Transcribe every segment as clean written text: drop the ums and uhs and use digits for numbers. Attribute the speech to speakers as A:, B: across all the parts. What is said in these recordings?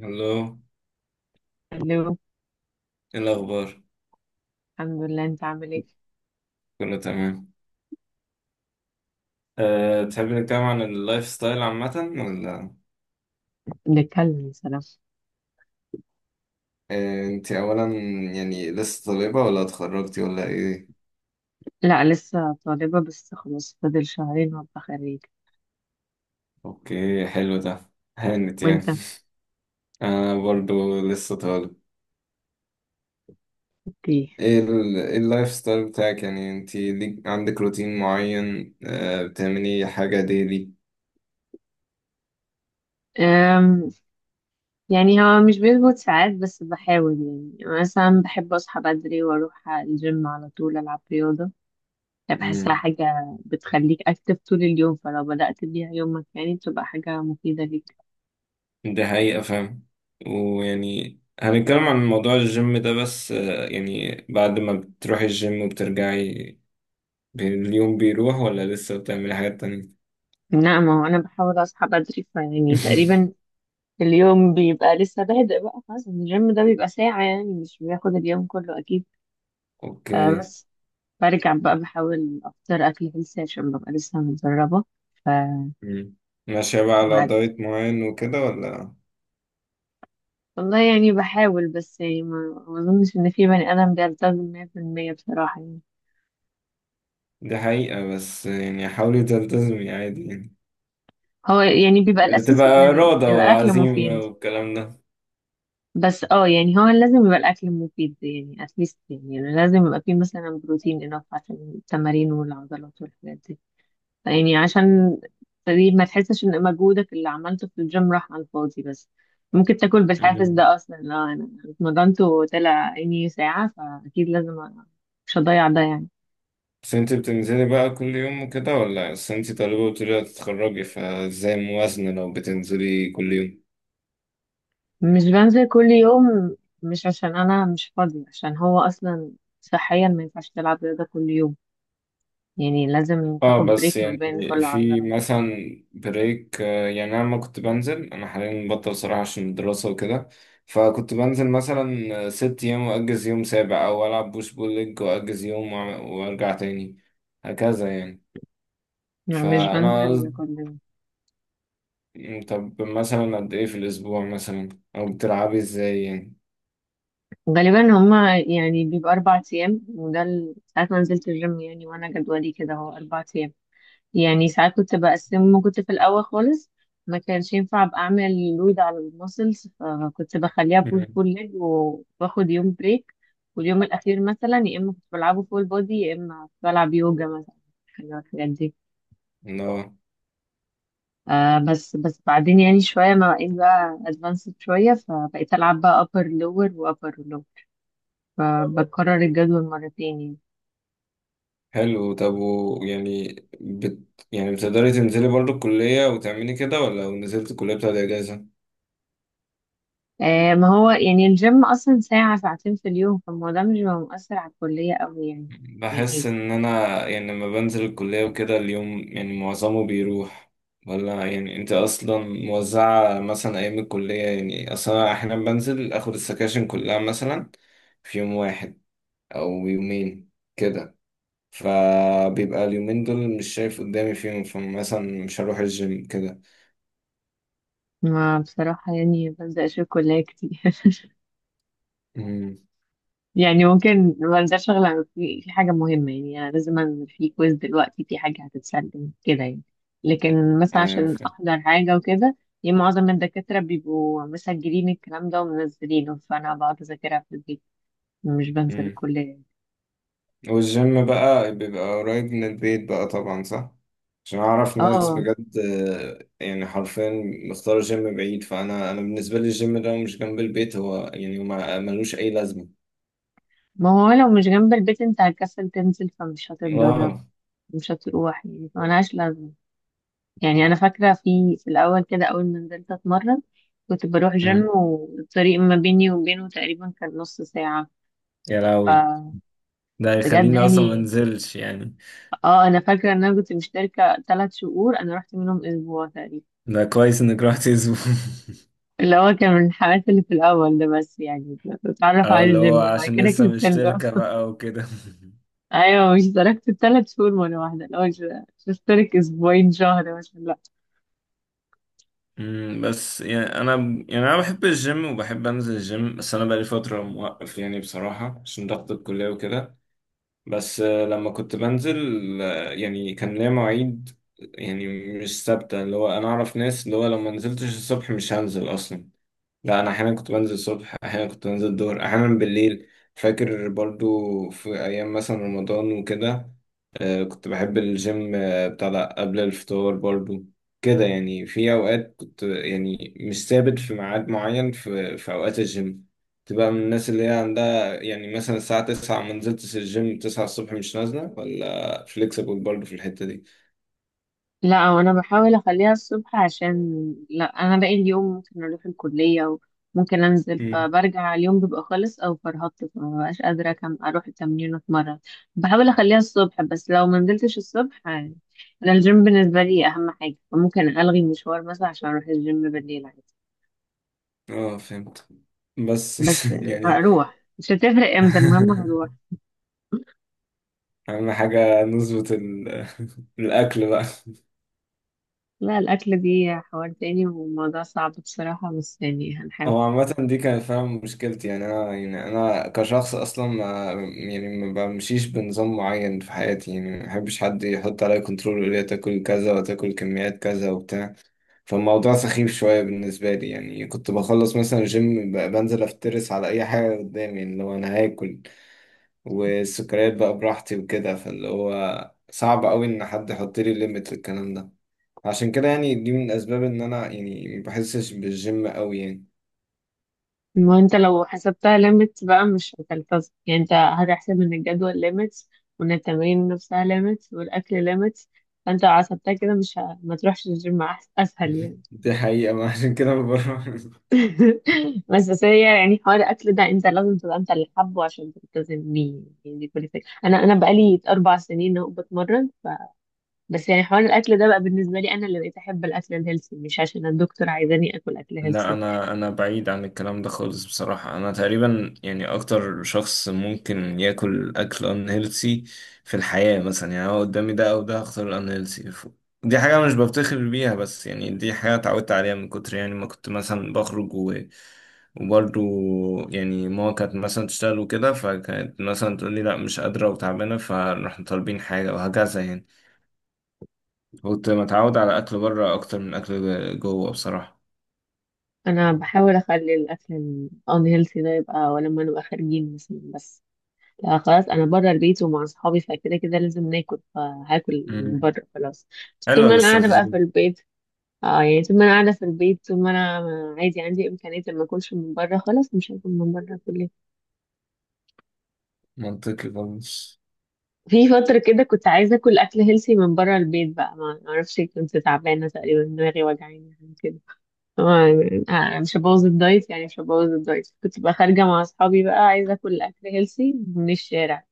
A: هلو.
B: الو.
A: ايه الاخبار؟
B: الحمد لله، انت عامل ايه؟
A: كله تمام. أه، تحب نتكلم عن اللايف ستايل عامه ولا؟
B: بنتكلم، يا سلام.
A: أه، انت اولا، لسه طالبه ولا اتخرجتي ولا ايه؟
B: لا لسه طالبة بس خلاص فاضل 2 شهور وابقى خريج.
A: اوكي، حلو ده، هانت.
B: وانت؟
A: انا برضو لسه طالب.
B: ايه.
A: ايه إيه اللايف ستايل بتاعك؟ يعني انت ليك عندك روتين معين؟ أه، بتعملي حاجه ديلي؟
B: أم يعني هو مش بيظبط ساعات بس بحاول. يعني مثلا بحب اصحى بدري واروح الجيم على طول العب رياضة. يعني بحسها
A: امم
B: حاجة بتخليك اكتف طول اليوم، فلو بدأت بيها يومك يعني بتبقى حاجة مفيدة ليك.
A: ده حقيقه، فاهم. ويعني هنتكلم عن موضوع الجيم ده، بس يعني بعد ما بتروحي الجيم وبترجعي، اليوم بيروح ولا لسه بتعملي حاجات تانية؟
B: لا ما هو انا بحاول اصحى بدري فيعني تقريبا اليوم بيبقى لسه بادئ. بقى خلاص الجيم ده بيبقى ساعة، يعني مش بياخد اليوم كله أكيد. آه
A: اوكي.
B: بس. برجع بقى بحاول أفطر أكل هيلثي عشان ببقى لسه متدربة. ف
A: مم. ماشية بقى على
B: بعد.
A: دايت معين وكده ولا؟
B: والله يعني بحاول بس يعني ما أظنش إن في بني آدم بيلتزم 100% بصراحة يعني.
A: دي حقيقة، بس يعني حاولي تلتزمي عادي.
B: هو يعني بيبقى
A: يعني بتبقى
B: الأساسي
A: إرادة
B: يبقى الأكل
A: وعزيمة
B: مفيد.
A: والكلام ده.
B: بس اه يعني هو لازم يبقى الأكل مفيد، يعني أتليست يعني لازم يبقى فيه مثلا بروتين إنف عشان التمارين والعضلات والحاجات دي. يعني عشان تقريبا ما تحسش ان مجهودك اللي عملته في الجيم راح على الفاضي بس. ممكن تاكل بالحافز
A: مم.
B: ده اصلا، لا انا اتمرنت وطلع عيني ساعة فاكيد لازم مش هضيع ده يعني.
A: بس انتي بتنزلي بقى كل يوم وكده ولا؟ بس انتي طالبة وتريدي تتخرجي، فازاي موازنة لو بتنزلي كل يوم؟
B: مش بنزل كل يوم. مش عشان انا مش فاضي، عشان هو اصلا صحيا ما ينفعش تلعب رياضة كل يوم. يعني لازم
A: اه،
B: تاخد
A: بس
B: بريك ما
A: يعني
B: بين كل
A: في
B: عضلات.
A: مثلا بريك. يعني انا لما كنت بنزل، انا حاليا مبطل صراحة عشان الدراسة وكده. فكنت بنزل مثلا ست ايام واجز يوم سابع، او العب بوش بول ليج واجز يوم وارجع تاني، هكذا يعني.
B: يعني مش
A: فانا
B: بنزل
A: قصد-
B: كل يوم.
A: طب مثلا قد ايه في الاسبوع مثلا، او بتلعبي ازاي يعني؟
B: غالبا هما يعني بيبقى 4 أيام، ساعات ما نزلت الجيم يعني وأنا جدولي كده هو 4 أيام. يعني ساعات كنت بقسمه لما كنت في الأول خالص، ما كانش ينفع أبقى أعمل لود على المسلز فكنت بخليها بول
A: مم.
B: بول ليج وباخد يوم بريك. واليوم الأخير مثلا يا إما كنت بلعبه فول بودي يا إما بلعب يوجا مثلا، حاجة من الحاجات دي.
A: لا،
B: آه بس بعدين يعني شوية ما بقيت بقى أدفانسد شوية فبقيت ألعب بقى أبر لور وأبر لور. فبكرر الجدول مرتين يعني.
A: حلو. طب بت... يعني بتقدري تنزلي برضو الكلية وتعملي كده، ولا لو نزلت الكلية بتاعت اجازة؟
B: آه ما هو يعني الجيم أصلا ساعة 2 ساعات في اليوم فالموضوع مش بيبقى مؤثر على الكلية أوي يعني. يعني
A: بحس ان انا يعني لما بنزل الكلية وكده، اليوم يعني معظمه بيروح. ولا يعني انت اصلا موزعة مثلا ايام الكلية؟ يعني اصلا أنا احيانا بنزل اخد السكاشن كلها مثلا في يوم واحد او يومين كده. فبيبقى اليومين دول مش شايف قدامي فيهم، فمثلا مش هروح الجيم كده.
B: ما بصراحة يعني بنزل أشوف كلية كتير
A: امم.
B: يعني ممكن بنزل شغل في حاجة مهمة، يعني أنا لازم أعمل في كويز دلوقتي في حاجة هتتسلم كده يعني. لكن مثلا
A: ايوه،
B: عشان
A: فاهم.
B: أحضر حاجة وكده. يعني معظم من الدكاترة بيبقوا مسجلين الكلام ده ومنزلينه فأنا بقعد أذاكرها في البيت. مش بنزل الكلية يعني.
A: والجيم بقى بيبقى قريب من البيت بقى طبعا، صح؟ عشان أعرف ناس
B: اه
A: بجد، يعني حرفيا مختار جيم بعيد. فأنا بالنسبة لي الجيم ده مش جنب البيت، هو يعني ما ملوش أي لازمة.
B: ما هو لو مش جنب البيت انت هتكسل تنزل فمش
A: واو.
B: هتتدرب. مش هتروح يعني ملهاش لازمة. يعني انا فاكره في الاول كده اول ما نزلت اتمرن كنت بروح جيم
A: مم.
B: والطريق ما بيني وبينه تقريبا كان نص ساعه.
A: يا لهوي،
B: فبجد
A: ده يخليني اصلا ما
B: يعني.
A: انزلش يعني.
B: اه انا فاكره ان انا كنت مشتركه 3 شهور انا رحت منهم اسبوع تقريبا،
A: ده كويس انك رحت اسبوع.
B: اللي هو كان من الحماس اللي في الاول ده بس يعني. بتعرف
A: اه،
B: على
A: اللي هو
B: الجيم بعد
A: عشان
B: كده
A: لسه
B: كنسلت
A: مشتركة بقى وكده.
B: ايوه مش اشتركت ال 3 شهور مره واحده، اللي هو مش هشترك 2 اسابيع شهر مثلا.
A: مم، بس انا بحب الجيم وبحب انزل الجيم، بس انا بقالي فترة موقف يعني بصراحة عشان ضغط الكلية وكده. بس لما كنت بنزل، يعني كان ليا مواعيد يعني مش ثابتة. اللي هو أنا أعرف ناس اللي هو لو ما نزلتش الصبح مش هنزل أصلا. لا، انا احيانا كنت بنزل الصبح، احيانا كنت بنزل الظهر، احيانا بالليل. فاكر برضو في ايام مثلا رمضان وكده، آه، كنت بحب الجيم بتاع ده قبل الفطار برضو. كده يعني في اوقات كنت يعني مش ثابت في ميعاد معين في اوقات الجيم. تبقى من الناس اللي هي عندها يعني مثلا الساعة 9، ما نزلتش الجيم 9 الصبح مش نازلة، ولا فليكسبل برضو في الحتة دي.
B: لا وانا بحاول اخليها الصبح عشان لا انا باقي اليوم ممكن اروح الكلية وممكن انزل
A: امم.
B: فبرجع اليوم بيبقى خلص او فرهطت فما بقاش قادرة كم اروح التمرين واتمرن. بحاول اخليها الصبح بس لو ما نزلتش الصبح انا الجيم بالنسبة لي اهم حاجة فممكن الغي مشوار مثلا عشان اروح الجيم بالليل عادي.
A: اه، فهمت. بس
B: بس
A: يعني
B: هروح مش هتفرق امتى المهم هروح.
A: اهم حاجه نظبط الاكل بقى.
B: لا الاكل دي حوار تاني وموضوع صعب بصراحة بس يعني هنحاول.
A: هو عامه دي كانت فعلا مشكلتي. يعني انا يعني انا كشخص اصلا ما بمشيش بنظام معين في حياتي. يعني ما بحبش حد يحط عليا كنترول ويقول لي تاكل كذا وتاكل كميات كذا وبتاع. فالموضوع سخيف شويه بالنسبه لي. يعني كنت بخلص مثلا الجيم، بنزل افترس على اي حاجه قدامي. يعني اللي هو انا هاكل والسكريات بقى براحتي وكده. فاللي هو صعب قوي ان حد يحط لي ليميت للكلام ده. عشان كده يعني دي من الأسباب إن أنا يعني ما بحسش بالجيم أوي يعني.
B: ما انت لو حسبتها ليميتس بقى مش هتلتزم، يعني انت هتحسب ان الجدول ليميتس وان التمارين نفسها ليميتس والاكل ليميتس. فانت لو حسبتها كده مش ه... ما تروحش الجيم اسهل يعني.
A: دي حقيقة، ما عشان كده ما بروح.
B: بس هي يعني حوار الاكل ده انت لازم تبقى انت اللي حابه عشان تلتزم بيه، يعني دي كل الفكره. انا بقالي 4 سنين اهو بتمرن بس يعني حوار الاكل ده بقى بالنسبه لي انا اللي بقيت احب الاكل الهيلثي مش عشان الدكتور عايزاني اكل اكل
A: لا،
B: هيلثي.
A: انا بعيد عن الكلام ده خالص بصراحه. انا تقريبا يعني اكتر شخص ممكن ياكل اكل unhealthy في الحياه. مثلا يعني هو قدامي ده او ده، هختار الانهيلثي. دي حاجه مش بفتخر بيها، بس يعني دي حاجه اتعودت عليها من كتر يعني ما كنت مثلا وبرضو يعني ماما كانت مثلا تشتغل وكده، فكانت مثلا تقول لي لا مش قادره وتعبانه، فنروح طالبين حاجه وهكذا يعني. كنت متعود على اكل بره اكتر من اكل جوه بصراحه.
B: انا بحاول اخلي الاكل الان هيلثي ده يبقى ولما نبقى خارجين مثلا بس. لا خلاص انا بره البيت ومع اصحابي فكده كده لازم ناكل فهاكل من
A: مم.
B: بره خلاص. بس طول
A: حلوه
B: ما انا قاعده بقى
A: الاستراتيجيه.
B: في البيت. اه يعني طول ما انا قاعده في البيت، طول ما انا عادي عندي امكانيه إن ما اكلش من بره خلاص مش هاكل من بره كل.
A: منطقي خالص.
B: في فتره كده كنت عايزه اكل اكل هيلثي من بره البيت بقى، ما اعرفش كنت تعبانه تقريبا دماغي وجعاني حاجة كده. آه، مش هبوظ الدايت يعني مش هبوظ الدايت. كنت بقى خارجة مع أصحابي بقى عايزة أكل أكل هيلسي من الشارع،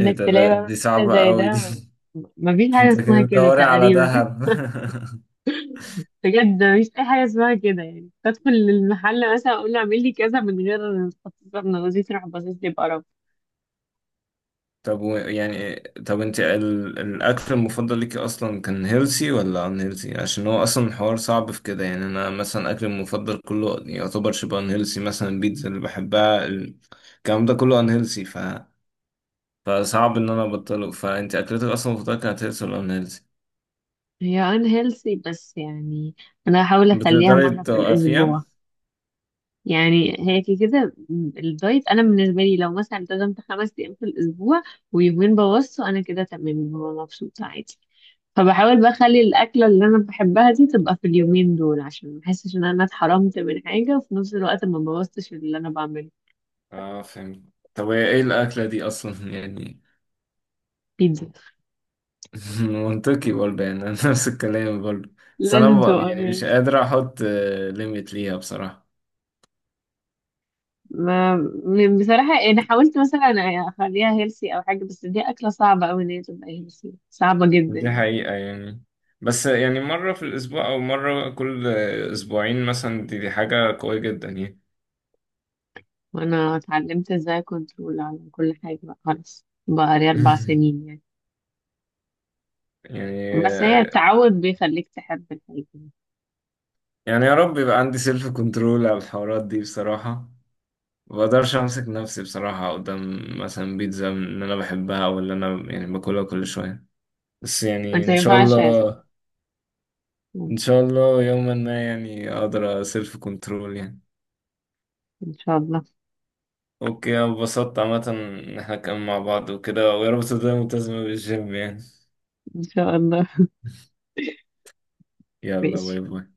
A: ايه ده؟
B: تلاقي
A: ده
B: بقى
A: دي
B: محل
A: صعبة
B: زي
A: قوي دي.
B: ده. مفيش حاجة
A: انت
B: اسمها
A: كده
B: كده
A: بتدوري على
B: تقريبا
A: دهب.
B: بجد مفيش أي حاجة اسمها كده، يعني بدخل المحل مثلا أقول له اعمل لي كذا من غير تخصص ابن جوزي تروح باصص لي بقرف.
A: طب، و يعني طب انت الاكل المفضل ليكي اصلا كان هيلسي ولا ان هيلسي؟ عشان هو اصلا الحوار صعب في كده. يعني انا مثلا اكلي المفضل كله يعتبر شبه ان هيلسي. مثلا البيتزا اللي بحبها، الكلام ده كله ان هيلسي. فصعب ان انا ابطله. فانت اكلتك اصلا المفضلة كانت هيلسي ولا ان هيلسي؟
B: هي ان هيلسي بس يعني أنا هحاول أخليها
A: بتقدري
B: مرة في
A: توقفيها؟
B: الأسبوع. يعني هي كده كده الدايت انا بالنسبه لي لو مثلا التزمت 5 ايام في الاسبوع ويومين بوظته انا كده تمام ببقى مبسوطه عادي. فبحاول بقى اخلي الاكله اللي انا بحبها دي تبقى في اليومين دول عشان ما احسش ان انا اتحرمت من حاجه وفي نفس الوقت ما بوظتش اللي انا بعمله.
A: اه، فهمت. طب هي ايه الاكلة دي اصلا؟ يعني
B: بيتزا.
A: منطقي برضه. يعني أنا نفس الكلام برضه. بس أنا
B: لازم تبقى
A: بقى يعني مش
B: honest.
A: قادر أحط ليميت ليها بصراحة.
B: ما بصراحه انا حاولت مثلا اخليها هيلسي او حاجه، بس دي اكله صعبه قوي ان هي تبقى هيلسي، صعبه جدا
A: دي
B: يعني.
A: حقيقة يعني. بس يعني مرة في الأسبوع أو مرة كل أسبوعين مثلا، دي حاجة قوية جدا يعني.
B: وانا اتعلمت ازاي كنترول على كل حاجة بقى خلاص بقى لي اربع سنين يعني. بس هي
A: يعني
B: التعود بيخليك تحب الحاجة.
A: يا رب يبقى عندي سيلف كنترول على الحوارات دي بصراحة. ما بقدرش أمسك نفسي بصراحة قدام مثلا بيتزا إن أنا بحبها، أو اللي أنا يعني باكلها كل شوية. بس يعني
B: انت ما
A: إن شاء
B: ينفعش يا ستة.
A: الله. ان شاء الله يوما ما يعني اقدر سيلف كنترول يعني.
B: ان شاء الله.
A: اوكي، انا اتبسطت عامه ان احنا كنا مع بعض وكده، ويا رب تفضل ملتزمة بالجيم يعني.
B: ان شاء الله.
A: يلا، باي
B: ماشي.
A: باي.